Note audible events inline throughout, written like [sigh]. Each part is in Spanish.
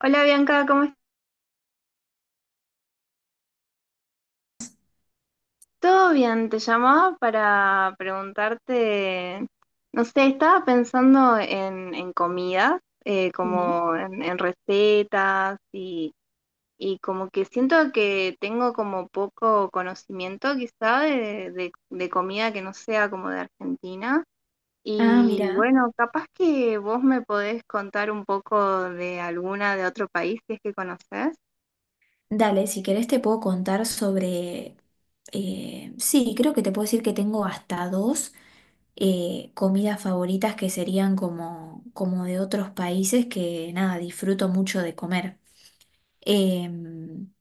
Hola Bianca, ¿cómo estás? ¿Todo bien? Te llamaba para preguntarte, no sé, estaba pensando en, comidas, Sí. como en recetas y como que siento que tengo como poco conocimiento quizá de comida que no sea como de Argentina. Ah, Y mira. bueno, capaz que vos me podés contar un poco de alguna de otro país si es que conocés. Dale, si querés te puedo contar sobre... sí, creo que te puedo decir que tengo hasta dos comidas favoritas que serían como, como de otros países que nada, disfruto mucho de comer. Em,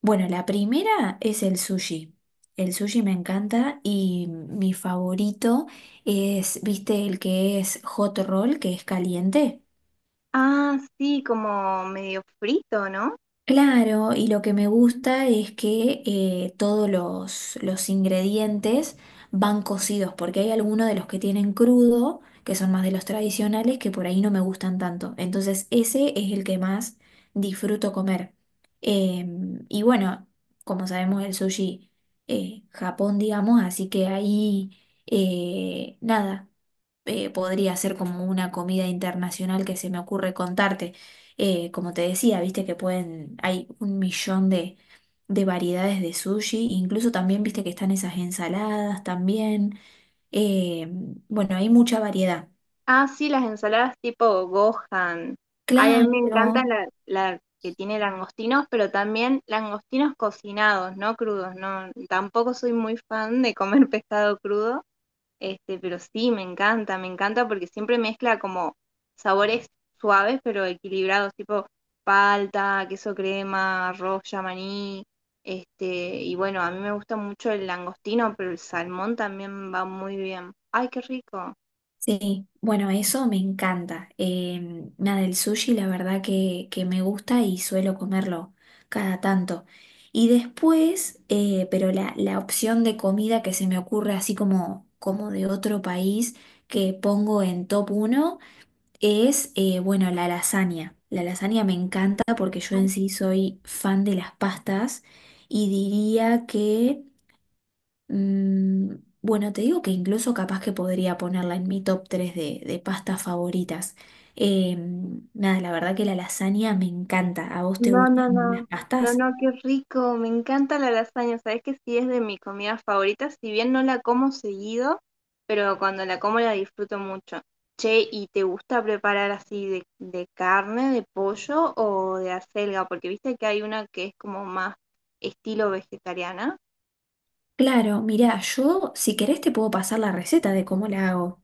bueno, la primera es el sushi. El sushi me encanta y mi favorito es, ¿viste el que es hot roll, que es caliente? Ah, sí, como medio frito, ¿no? Claro, y lo que me gusta es que todos los ingredientes van cocidos, porque hay algunos de los que tienen crudo, que son más de los tradicionales, que por ahí no me gustan tanto. Entonces ese es el que más disfruto comer. Eh, y bueno, como sabemos, el sushi, Japón, digamos, así que ahí, nada podría ser como una comida internacional que se me ocurre contarte. Como te decía, viste que pueden, hay un millón de variedades de sushi, incluso también viste que están esas ensaladas también. Eh, bueno, hay mucha variedad. Ah, sí, las ensaladas tipo Gohan. Ay, a mí me Claro. encanta la que tiene langostinos, pero también langostinos cocinados, no crudos. No, tampoco soy muy fan de comer [laughs] pescado crudo, pero sí, me encanta porque siempre mezcla como sabores suaves pero equilibrados, tipo palta, queso crema, arroz, maní, este, y bueno, a mí me gusta mucho el langostino, pero el salmón también va muy bien. Ay, qué rico. Sí, bueno, eso me encanta. Nada, el sushi la verdad que me gusta y suelo comerlo cada tanto. Y después, pero la opción de comida que se me ocurre así como, como de otro país que pongo en top uno es, bueno, la lasaña. La lasaña me encanta porque yo en sí soy fan de las pastas y diría que... Mm, bueno, te digo que incluso capaz que podría ponerla en mi top 3 de pastas favoritas. Eh, nada, la verdad que la lasaña me encanta. ¿A vos te No, gustan no, no. las No, pastas? no, qué rico. Me encanta la lasaña. Sabes que sí es de mi comida favorita, si bien no la como seguido, pero cuando la como la disfruto mucho. Che, ¿y te gusta preparar así de carne, de pollo o de acelga? Porque viste que hay una que es como más estilo vegetariana. Claro, mirá, yo si querés te puedo pasar la receta de cómo la hago.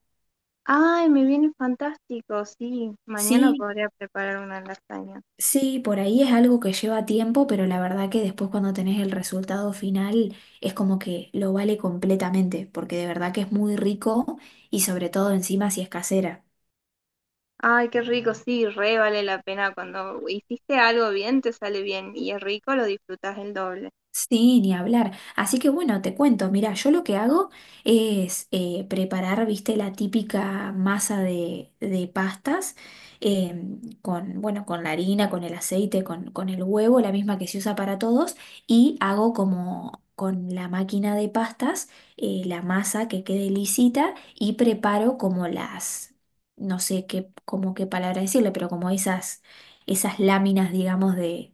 Ay, me viene fantástico. Sí, mañana Sí, podría preparar una lasaña. sí, por ahí es algo que lleva tiempo, pero la verdad que después cuando tenés el resultado final es como que lo vale completamente, porque de verdad que es muy rico y sobre todo encima si es casera. Ay, qué rico, sí, re vale la pena cuando hiciste algo bien, te sale bien y es rico, lo disfrutas el doble. Sí, ni hablar. Así que bueno, te cuento, mira, yo lo que hago es preparar, viste, la típica masa de pastas con, bueno, con la harina, con el aceite, con el huevo, la misma que se usa para todos, y hago como con la máquina de pastas la masa que quede lisita y preparo como las, no sé qué, como qué palabra decirle, pero como esas, esas láminas, digamos, de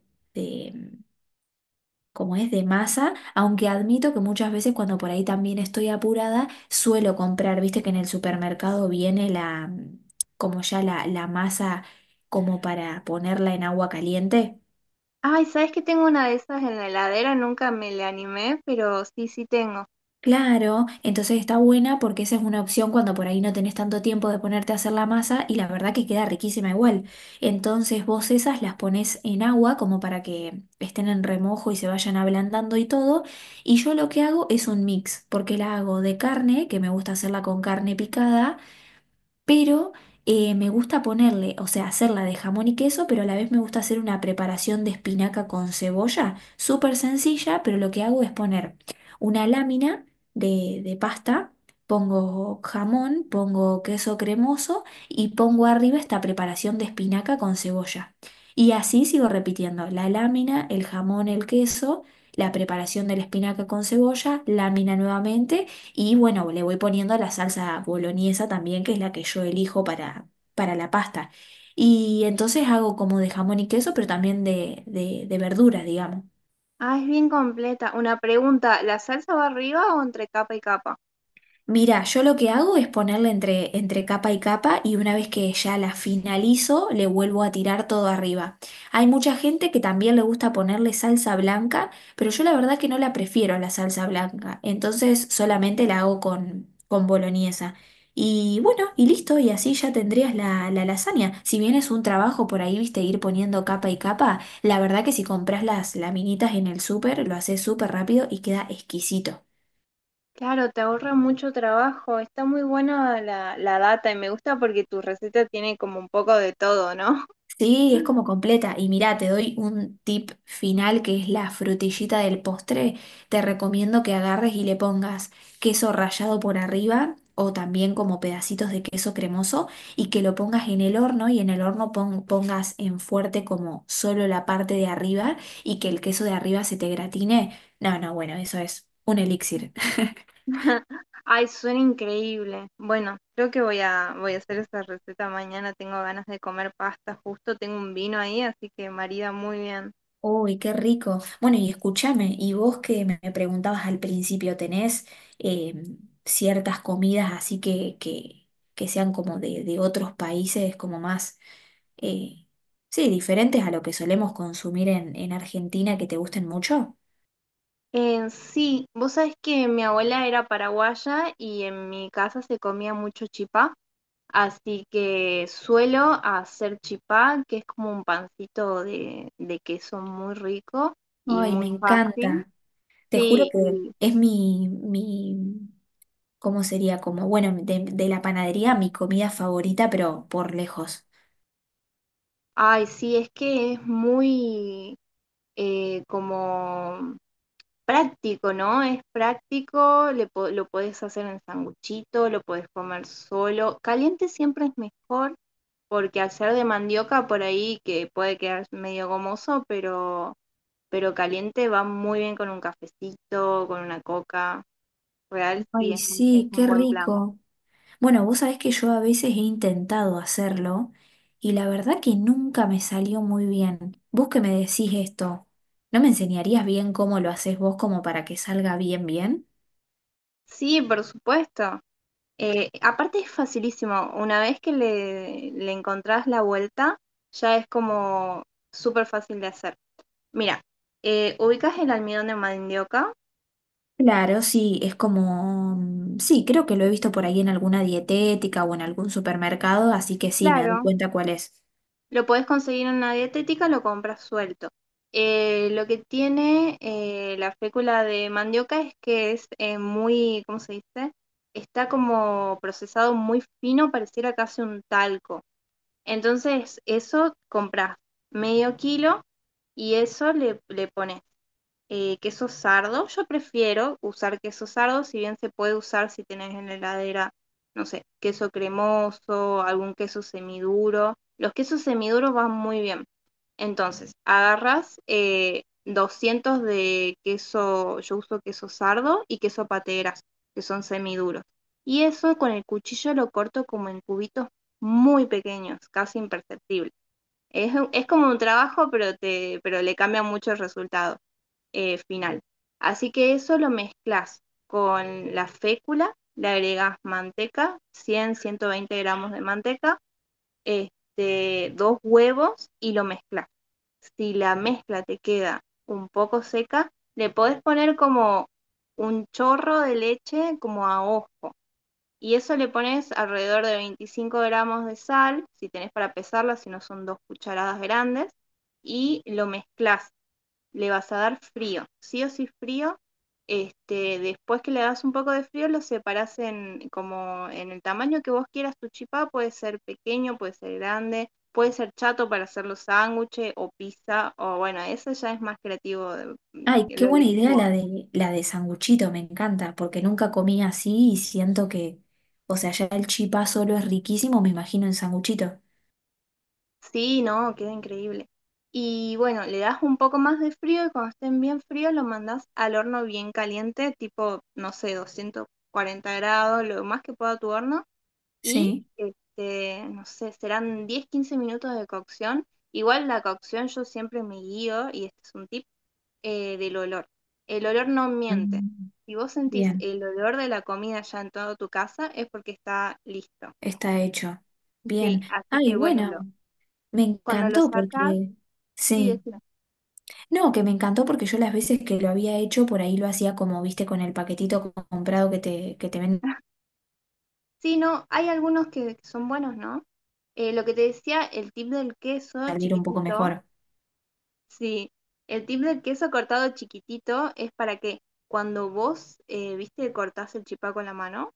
como es de masa, aunque admito que muchas veces cuando por ahí también estoy apurada, suelo comprar, viste que en el supermercado viene la, mm, como ya la masa como para ponerla en agua caliente. Ay, ¿sabes que tengo una de esas en la heladera? Nunca me le animé, pero sí, sí tengo. Claro, entonces está buena porque esa es una opción cuando por ahí no tenés tanto tiempo de ponerte a hacer la masa y la verdad que queda riquísima igual. Entonces vos esas las pones en agua como para que estén en remojo y se vayan ablandando y todo. Y yo lo que hago es un mix, porque la hago de carne, que me gusta hacerla con carne picada pero me gusta ponerle, o sea, hacerla de jamón y queso, pero a la vez me gusta hacer una preparación de espinaca con cebolla, súper sencilla, pero lo que hago es poner una lámina de pasta, pongo jamón, pongo queso cremoso y pongo arriba esta preparación de espinaca con cebolla. Y así sigo repitiendo, la lámina, el jamón, el queso, la preparación de la espinaca con cebolla, lámina nuevamente. Y bueno, le voy poniendo la salsa boloñesa también, que es la que yo elijo para la pasta. Y entonces hago como de jamón y queso, pero también de verduras, digamos. Ah, es bien completa. Una pregunta, ¿la salsa va arriba o entre capa y capa? Mira, yo lo que hago es ponerla entre, entre capa y capa y una vez que ya la finalizo, le vuelvo a tirar todo arriba. Hay mucha gente que también le gusta ponerle salsa blanca, pero yo la verdad que no la prefiero a la salsa blanca, entonces solamente la hago con boloñesa. Y bueno, y listo, y así ya tendrías la lasaña. Si bien es un trabajo por ahí, viste, ir poniendo capa y capa, la verdad que si compras las laminitas en el súper, lo haces súper rápido y queda exquisito. Claro, te ahorra mucho trabajo. Está muy buena la data y me gusta porque tu receta tiene como un poco de todo, ¿no? Sí, es como completa. Y mirá, te doy un tip final que es la frutillita del postre. Te recomiendo que agarres y le pongas queso rallado por arriba o también como pedacitos de queso cremoso y que lo pongas en el horno y en el horno pongas en fuerte como solo la parte de arriba y que el queso de arriba se te gratine. No, no, bueno, eso es un elixir. Ay, suena increíble. Bueno, creo que voy a hacer esa receta mañana. Tengo ganas de comer pasta, justo tengo un vino ahí, así que marida muy bien. Uy, qué rico. Bueno, y escúchame, y vos que me preguntabas al principio, ¿tenés eh, ciertas comidas así que sean como de otros países, como más, eh, sí, diferentes a lo que solemos consumir en Argentina, que te gusten mucho? Sí, vos sabés que mi abuela era paraguaya y en mi casa se comía mucho chipá, así que suelo hacer chipá, que es como un pancito de, queso muy rico y Ay, me muy fácil. encanta. Te juro Sí, que y es mi, ¿cómo sería? Como, bueno, de la panadería, mi comida favorita, pero por lejos. ay, sí, es que es muy como práctico, ¿no? Es práctico, lo podés hacer en sanguchito, lo podés comer solo. Caliente siempre es mejor porque al ser de mandioca por ahí que puede quedar medio gomoso, pero caliente va muy bien con un cafecito, con una coca. Real, sí, Ay, es un, es sí, qué un buen plan. rico. Bueno, vos sabés que yo a veces he intentado hacerlo y la verdad que nunca me salió muy bien. Vos que me decís esto, ¿no me enseñarías bien cómo lo haces vos como para que salga bien bien? Sí, por supuesto. Aparte es facilísimo. Una vez que le encontrás la vuelta, ya es como súper fácil de hacer. Mira, ubicas el almidón de mandioca. Claro, sí, es como... mm, sí, creo que lo he visto por ahí en alguna dietética o en algún supermercado, así que sí, me doy Claro, cuenta cuál es. lo puedes conseguir en una dietética, lo compras suelto. Lo que tiene la fécula de mandioca es que es muy, ¿cómo se dice? Está como procesado muy fino, pareciera casi un talco. Entonces, eso compras medio kilo y eso le pones. Queso sardo. Yo prefiero usar queso sardo, si bien se puede usar si tenés en la heladera, no sé, queso cremoso, algún queso semiduro. Los quesos semiduros van muy bien. Entonces, agarras 200 de queso, yo uso queso sardo y queso pateras, que son semiduros. Y eso con el cuchillo lo corto como en cubitos muy pequeños, casi imperceptible. Es como un trabajo, pero le cambia mucho el resultado final. Así que eso lo mezclas con la fécula, le agregas manteca, 120 gramos de manteca, dos huevos y lo mezclas. Si la mezcla te queda un poco seca, le podés poner como un chorro de leche como a ojo. Y eso le pones alrededor de 25 gramos de sal, si tenés para pesarla, si no son dos cucharadas grandes, y lo mezclas. Le vas a dar frío, sí o sí frío. Después que le das un poco de frío, lo separás como en el tamaño que vos quieras tu chipá, puede ser pequeño, puede ser grande, puede ser chato para hacer los sándwiches o pizza, o bueno, eso ya es más creativo, Ay, qué lo buena elegís idea vos. La de sanguchito, me encanta, porque nunca comí así y siento que, o sea, ya el chipá solo es riquísimo, me imagino en sanguchito. Sí, no, queda increíble. Y bueno, le das un poco más de frío y cuando estén bien fríos lo mandás al horno bien caliente, tipo, no sé, 240 grados, lo más que pueda tu horno. Y Sí. No sé, serán 10 15 minutos de cocción. Igual la cocción yo siempre me guío, y este es un tip, del olor. El olor no miente. Mm. Si vos sentís Bien, el olor de la comida ya en toda tu casa, es porque está listo. está hecho. Bien. Sí, así que Ay, bueno, bueno, me cuando lo encantó sacas, porque... sí, Sí. decime. No, que me encantó porque yo las veces que lo había hecho, por ahí lo hacía como, viste, con el paquetito comprado que te vende [laughs] Sí, no, hay algunos que son buenos, ¿no? Lo que te decía, el tip del queso salir un poco chiquitito. mejor. Sí, el tip del queso cortado chiquitito es para que cuando vos, viste, cortás el chipá con la mano,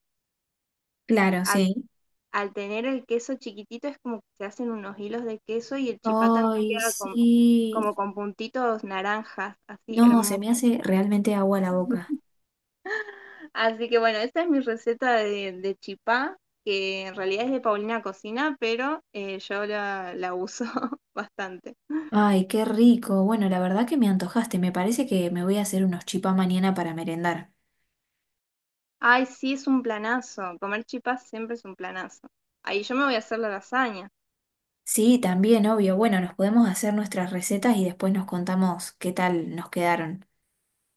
Claro, al, sí. al tener el queso chiquitito es como que se hacen unos hilos de queso y el chipá también Ay, queda sí. como con puntitos naranjas, así No, se me hermoso. hace realmente agua a la boca. [laughs] Así que bueno, esa es mi receta de, chipá, que en realidad es de Paulina Cocina, pero yo la uso [laughs] bastante. Ay, qué rico. Bueno, la verdad que me antojaste. Me parece que me voy a hacer unos chipas mañana para merendar. Ay, sí, es un planazo. Comer chipá siempre es un planazo. Ahí yo me voy a hacer la lasaña. Sí, también, obvio. Bueno, nos podemos hacer nuestras recetas y después nos contamos qué tal nos quedaron.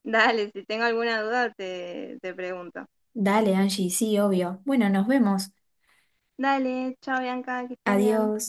Dale, si tengo alguna duda te, pregunto. Dale, Angie, sí, obvio. Bueno, nos vemos. Dale, chao Bianca, que estés bien. Adiós.